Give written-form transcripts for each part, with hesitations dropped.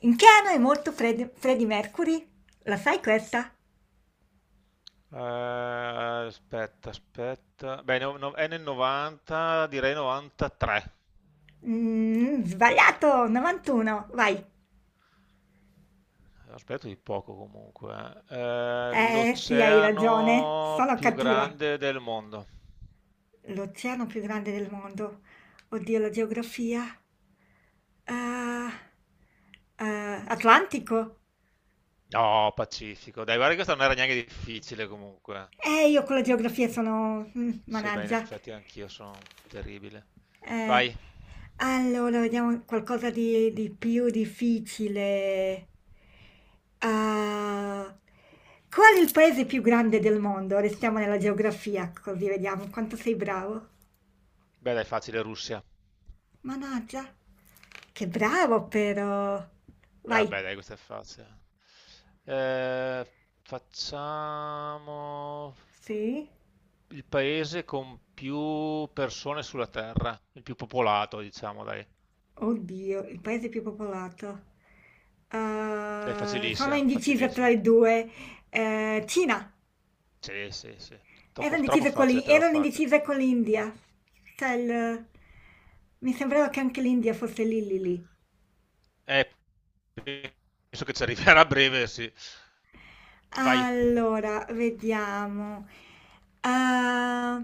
In che anno è morto Freddie Mercury? La sai questa? Aspetta, aspetta. Beh, è nel 90, direi 93. Sbagliato, 91, vai. Aspetto di poco comunque. Eh sì, hai ragione, L'oceano sono più cattiva. grande del mondo. L'oceano più grande del mondo. Oddio, la geografia. Ah, ah, Atlantico? No, Pacifico. Dai, guarda che questa non era neanche difficile comunque. Io con la geografia sono, Sì, beh, in managgia. effetti anch'io sono terribile. Eh, Vai. allora, vediamo qualcosa di più difficile. Ah, qual è il paese più grande del mondo? Restiamo nella geografia, così vediamo quanto sei bravo. Beh, dai, facile, Russia. Mannaggia, che bravo però. Vai. Vabbè, dai, questa è facile. Eh, facciamo Sì? il paese con più persone sulla Terra, il più popolato, diciamo, dai. Oddio, il paese più popolato. Dai, Ah, sono facilissima, indecisa tra facilissima. i due. Cina. Sì, sì, sì. Troppo, troppo facile te l'ho Erano fatta. indecise con l'India. Cioè, mi sembrava che anche l'India fosse lì lì lì. Eh, Penso che ci arriverà a breve, sì. Vai. Allora, vediamo. Ah,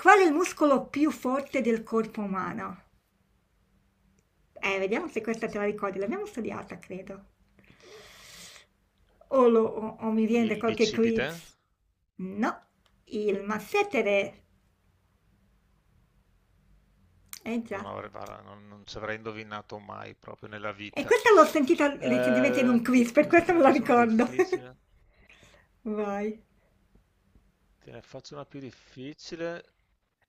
qual è il muscolo più forte del corpo umano? Vediamo se questa te la ricordi. L'abbiamo studiata, credo. O mi viene da Il qualche bicipite. quiz. No, il massetere. Eh Non già. avrei, guarda, non ci avrei indovinato mai proprio nella E vita. questa l'ho sentita recentemente in un Eh, quiz, per Questa te questo ne me la faccio una ricordo. difficile. Vai. Te ne faccio una più difficile.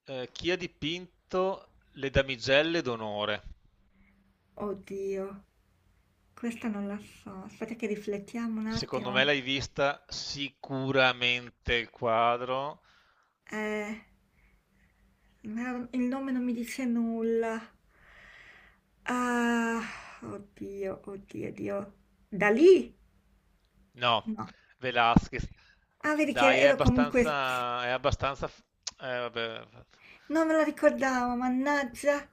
Chi ha dipinto le damigelle d'onore? Oddio, questa non la so. Aspetta che riflettiamo un Secondo me attimo. l'hai vista sicuramente il quadro. Eh, no, il nome non mi dice nulla. Ah, oddio, oddio, oddio. Da lì? No, No. Velázquez. Ah, vedi che Dai, ero comunque. È abbastanza, vabbè, Non me lo ricordavo, mannaggia.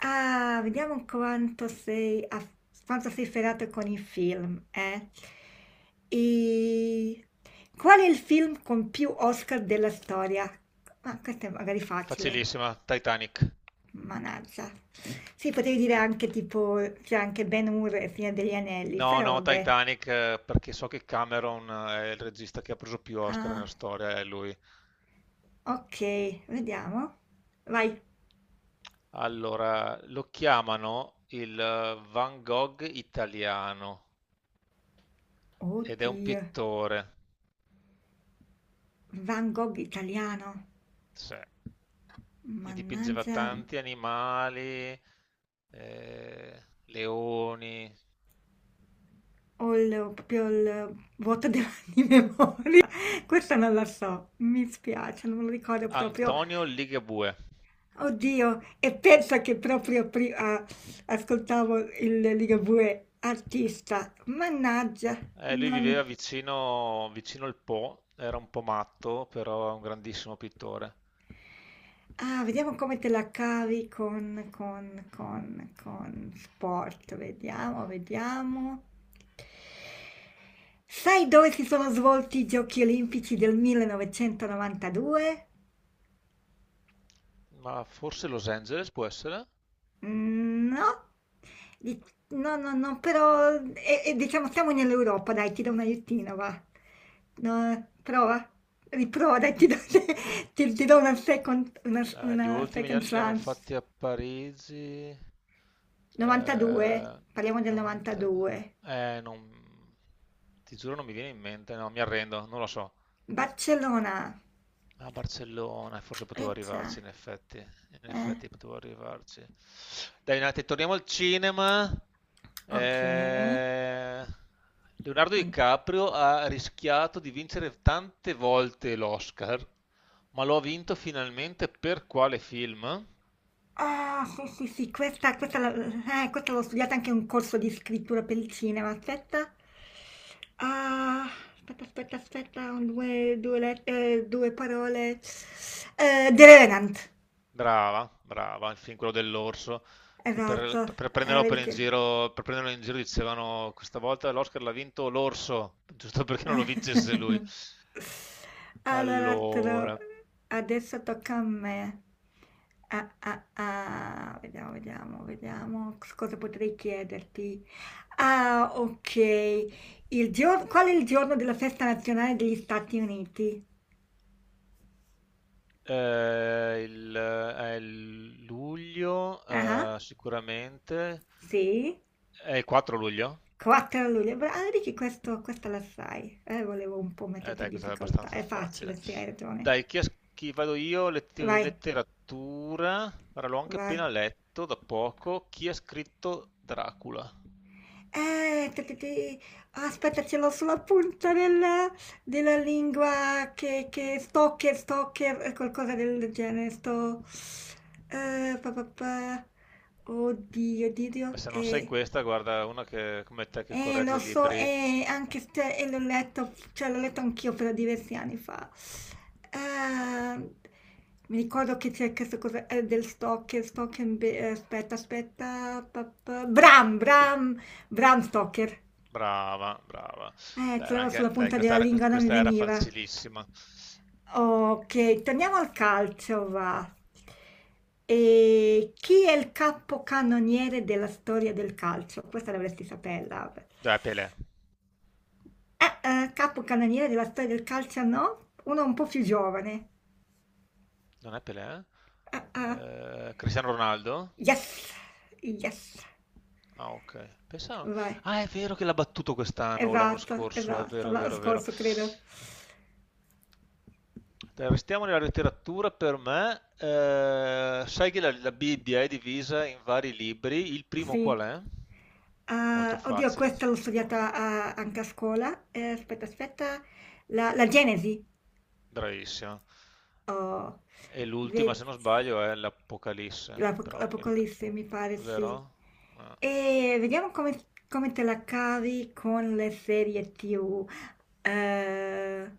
Ah, vediamo quanto sei, ferrato con i film, eh? E... Qual è il film con più Oscar della storia? Ma questo è magari facile, facilissima. Titanic. mannaggia. Sì, potevi dire anche tipo, c'è anche Ben-Hur e Signore degli Anelli, No, però no, vabbè. Titanic, perché so che Cameron è il regista che ha preso più Oscar Ah, nella storia, è lui. ok, vediamo. Vai. Allora, lo chiamano il Van Gogh italiano ed è un Oddio, pittore. Van Gogh italiano. Sì. Gli dipingeva Mannaggia. tanti animali, leoni. Ho il proprio il vuoto de di memoria. Questa non la so, mi spiace, non me lo ricordo proprio. Antonio Ligabue. Oddio, e pensa che proprio prima ascoltavo il Ligabue artista. Mannaggia, Lui viveva non... vicino, vicino al Po, era un po' matto, però è un grandissimo pittore. Ah, vediamo come te la cavi con sport. Vediamo, vediamo. Sai dove si sono svolti i Giochi Olimpici del 1992? Ma forse Los Angeles può essere? Mhmm, no. Di No, no, no, però e diciamo siamo nell'Europa, dai, ti do un aiutino, va. No, prova, riprova, dai, ti do ti ti do una second una s Gli una ultimi second li hanno chance. fatti a Parigi. 92, Eh, parliamo del 90. 92. Non... Ti giuro non mi viene in mente, no, mi arrendo, non lo so. Barcellona. A Barcellona, forse potevo arrivarci, Eccia, in effetti. In eh. effetti potevo arrivarci. Dai, un attimo, torniamo al cinema. Okay, Eh, Leonardo mh. DiCaprio ha rischiato di vincere tante volte l'Oscar, ma lo ha vinto finalmente per quale film? Ah, sì, sì, sì, questa l'ho studiata anche in un corso di scrittura per il cinema. Aspetta. Ah, aspetta, aspetta, aspetta, un, due, due, let- due parole. The Revenant. Brava, brava, il film quello dell'orso, che Esatto. Per prenderlo Vedi per in che... giro, per prenderlo in giro dicevano questa volta l'Oscar l'ha vinto l'orso, giusto perché non lo vincesse lui. Allora, Allora, adesso tocca a me. Ah, ah, ah, vediamo, vediamo, vediamo cosa potrei chiederti. Ah, ok. Qual è il giorno della festa nazionale degli Stati Uniti? È il luglio, Ah, sicuramente, sì, è il 4 luglio. 4 luglio. Ah, vedi che questa la sai. Volevo un po' metterti in Dai, questa è difficoltà. abbastanza È facile, facile. sì, hai ragione. Dai, chi vado io? Vai, Letteratura, ora l'ho anche vai. appena letto da poco, chi ha scritto Dracula? Eh, te- te- te- Aspetta, ce l'ho sulla punta della lingua che stalker, qualcosa del genere. Sto. Pa, pa, pa. Oddio, oddio. Beh, se non sai Eh, questa, guarda, una che, come te che eh, lo corregge so, libri, anche se l'ho letto, cioè l'ho letto anch'io però diversi anni fa. Eh, Mi ricordo che c'è questa cosa del aspetta, aspetta, Bram Stoker. brava, brava. Beh, Ce era l'avevo anche, sulla dai, punta della lingua, non mi questa era veniva. facilissima. Ok, torniamo al calcio, va. E chi è il capocannoniere della storia del calcio? Questa dovresti saperla. Dai, Pelé. Capocannoniere della storia del calcio, no? Uno un po' più giovane. Non è Pelé? Ah, ah. Cristiano Ronaldo? Yes, yes, Ah, ok. Pensavo. vai. Ah, è vero che l'ha battuto quest'anno o l'anno Esatto, scorso, è esatto, vero, è l'anno vero, è vero. scorso credo. Dai, restiamo nella letteratura per me. Sai che la Bibbia è divisa in vari libri. Il primo qual Sì. è? Molto Ah, oddio, questa facile, l'ho secondo studiata me. Anche a scuola. Aspetta, aspetta. La Genesi. Bravissimo. Oh, E l'ultima, ve- se non sbaglio, è l'Apocalisse, però non mi ricordo, l'Apocalisse mi pare sì. vero? Ah, E vediamo come te la cavi con le serie TV. Eh,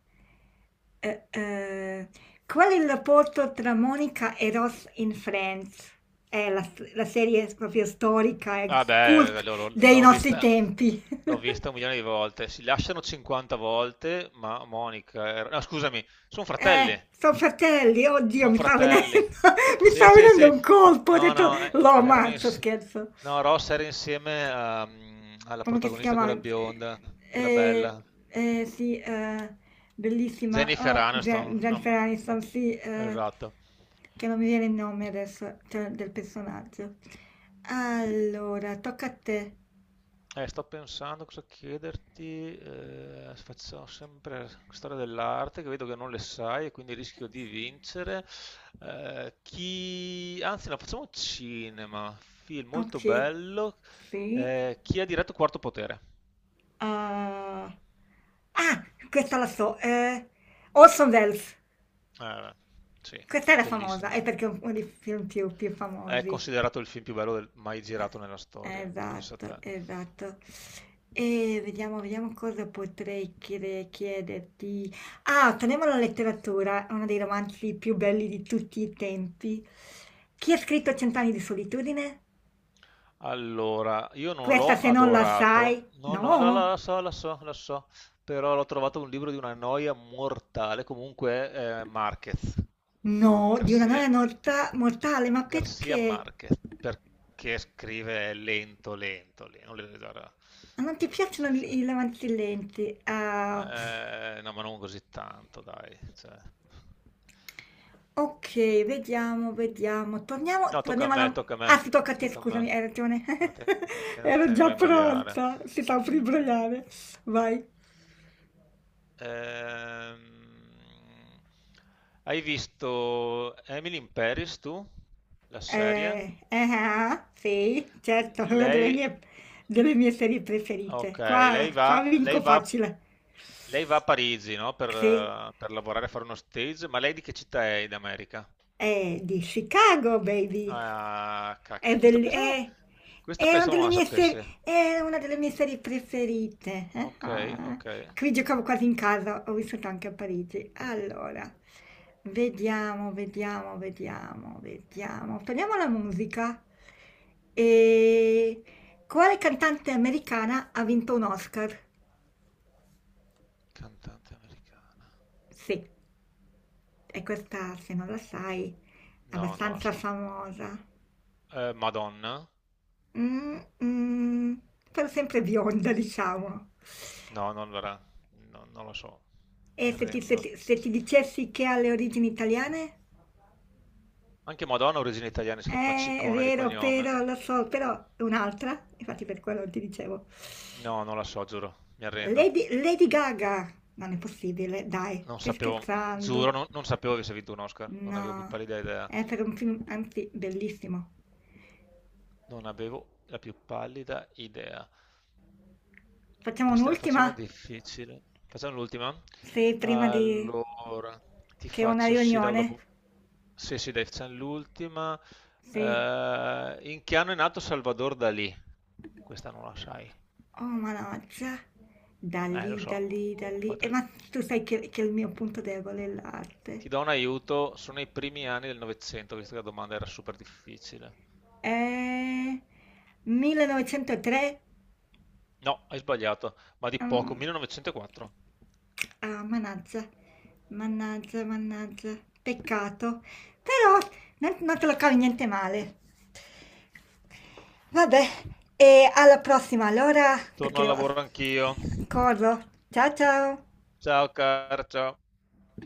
eh, eh, Qual è il rapporto tra Monica e Ross in Friends? È la serie proprio storica, è vabbè, cult l'ho dei l'ho nostri vista, tempi. l'ho vista un milione di volte. Si lasciano 50 volte, ma Monica. No, scusami, sono fratelli, sono fratelli, oddio, sono fratelli. mi Sì, sta sì, venendo sì. un colpo, ho No, detto, no, lo erano ammazzo, insieme. scherzo. No, Ross era insieme alla Come che si protagonista, chiama? quella bionda, quella eh, bella, sì, bellissima, Jennifer oh, Aniston. Jennifer Aniston, sì, Esatto. che non mi viene il nome adesso, cioè, del personaggio. Allora, tocca a te. Sto pensando cosa chiederti, facciamo sempre storia dell'arte che vedo che non le sai e quindi rischio di vincere. Anzi, no, facciamo cinema, film Ok, molto bello. sì. Chi ha diretto Quarto Potere? Ah, ah, questa la so, Orson Welles. Eh, sì, Questa era famosa, bellissimo. è perché è uno dei film più È famosi. considerato il film più bello mai girato nella Eh, storia, pensa Esatto, te. esatto. E vediamo, vediamo cosa potrei chiederti. Ah, torniamo alla letteratura, uno dei romanzi più belli di tutti i tempi. Chi ha scritto Cent'anni di solitudine? Allora, io non Questa l'ho se non la adorato, sai, no, no, no, la so, la so, la so, però l'ho trovato un libro di una noia mortale, comunque Márquez, no, di una noia Garcia, mortale, ma Garcia perché? Márquez, perché scrive lento, lento, lento, non le- guarda. Ma non ti piacciono i romanzi lenti? Ah, No, ma non così tanto, dai, cioè. ok, vediamo, vediamo. Torniamo, No, tocca a torniamo me, alla... tocca a me, Ah, si tocca a te, tocca a me, scusami, hai ragione. attenzione, ti Ero voglio già imbrogliare. pronta. Si sta per imbrogliare. Vai. Ehm, Hai visto Emily in Paris tu? La serie? Ah, sì, certo, è una Lei, delle mie serie ok, preferite. lei Qua, va, qua lei vinco va, facile. lei va a Parigi, no? Per, Sì, eh, per lavorare, fare uno stage, ma lei di che città è in America? è di Chicago, baby. Ah, È, cacchio, questa belli- pensavo, è- questa è una pensavo non delle la mie serie, sapesse. è una delle mie serie preferite. Ok, Ah. ok. Qui giocavo quasi in casa, ho vissuto anche a Parigi. Allora, vediamo. Torniamo alla musica. E quale cantante americana ha vinto un Oscar? Cantante americana. Sì, e questa, se non la sai, è No, non la abbastanza so. famosa. Madonna? Mm, mm, Però sempre bionda, diciamo. No, non, verrà. No, non lo so. E Mi arrendo. Se ti dicessi che ha le origini italiane? Anche Madonna ha origini italiane, si chiama È Ciccone di vero, cognome. però lo so, però è un'altra, infatti per quello ti dicevo. No, non la so, giuro, mi arrendo. Lady, Lady Gaga! Non è possibile, dai, Non stai sapevo, giuro, scherzando. non sapevo che avesse vinto un Oscar, non avevo più No, pallida idea. è per un film, anzi, bellissimo. Non avevo la più pallida idea. Facciamo Adesso te ne faccio una un'ultima? difficile. Facciamo l'ultima. Sì, prima di, Allora, ti che ho una faccio sì riunione. dopo. Sì, sì, dai, facciamo l'ultima. Sì. In che anno è nato Salvador Dalì? Questa non la sai. Oh, mannaggia. Da Lo lì, da so. lì, da ho lì. Fatto- Ma tu sai che il mio punto debole è l'arte. Ti do un aiuto, sono i primi anni del Novecento, visto che la domanda era super difficile. Eh, 1903? No, hai sbagliato, ma di poco, Mm, 1904. ah, mannaggia, mannaggia, mannaggia, peccato. Però non te lo cavi niente male. Vabbè, e alla prossima allora, Torno perché al devo... lavoro anch'io. Corro. Ciao ciao!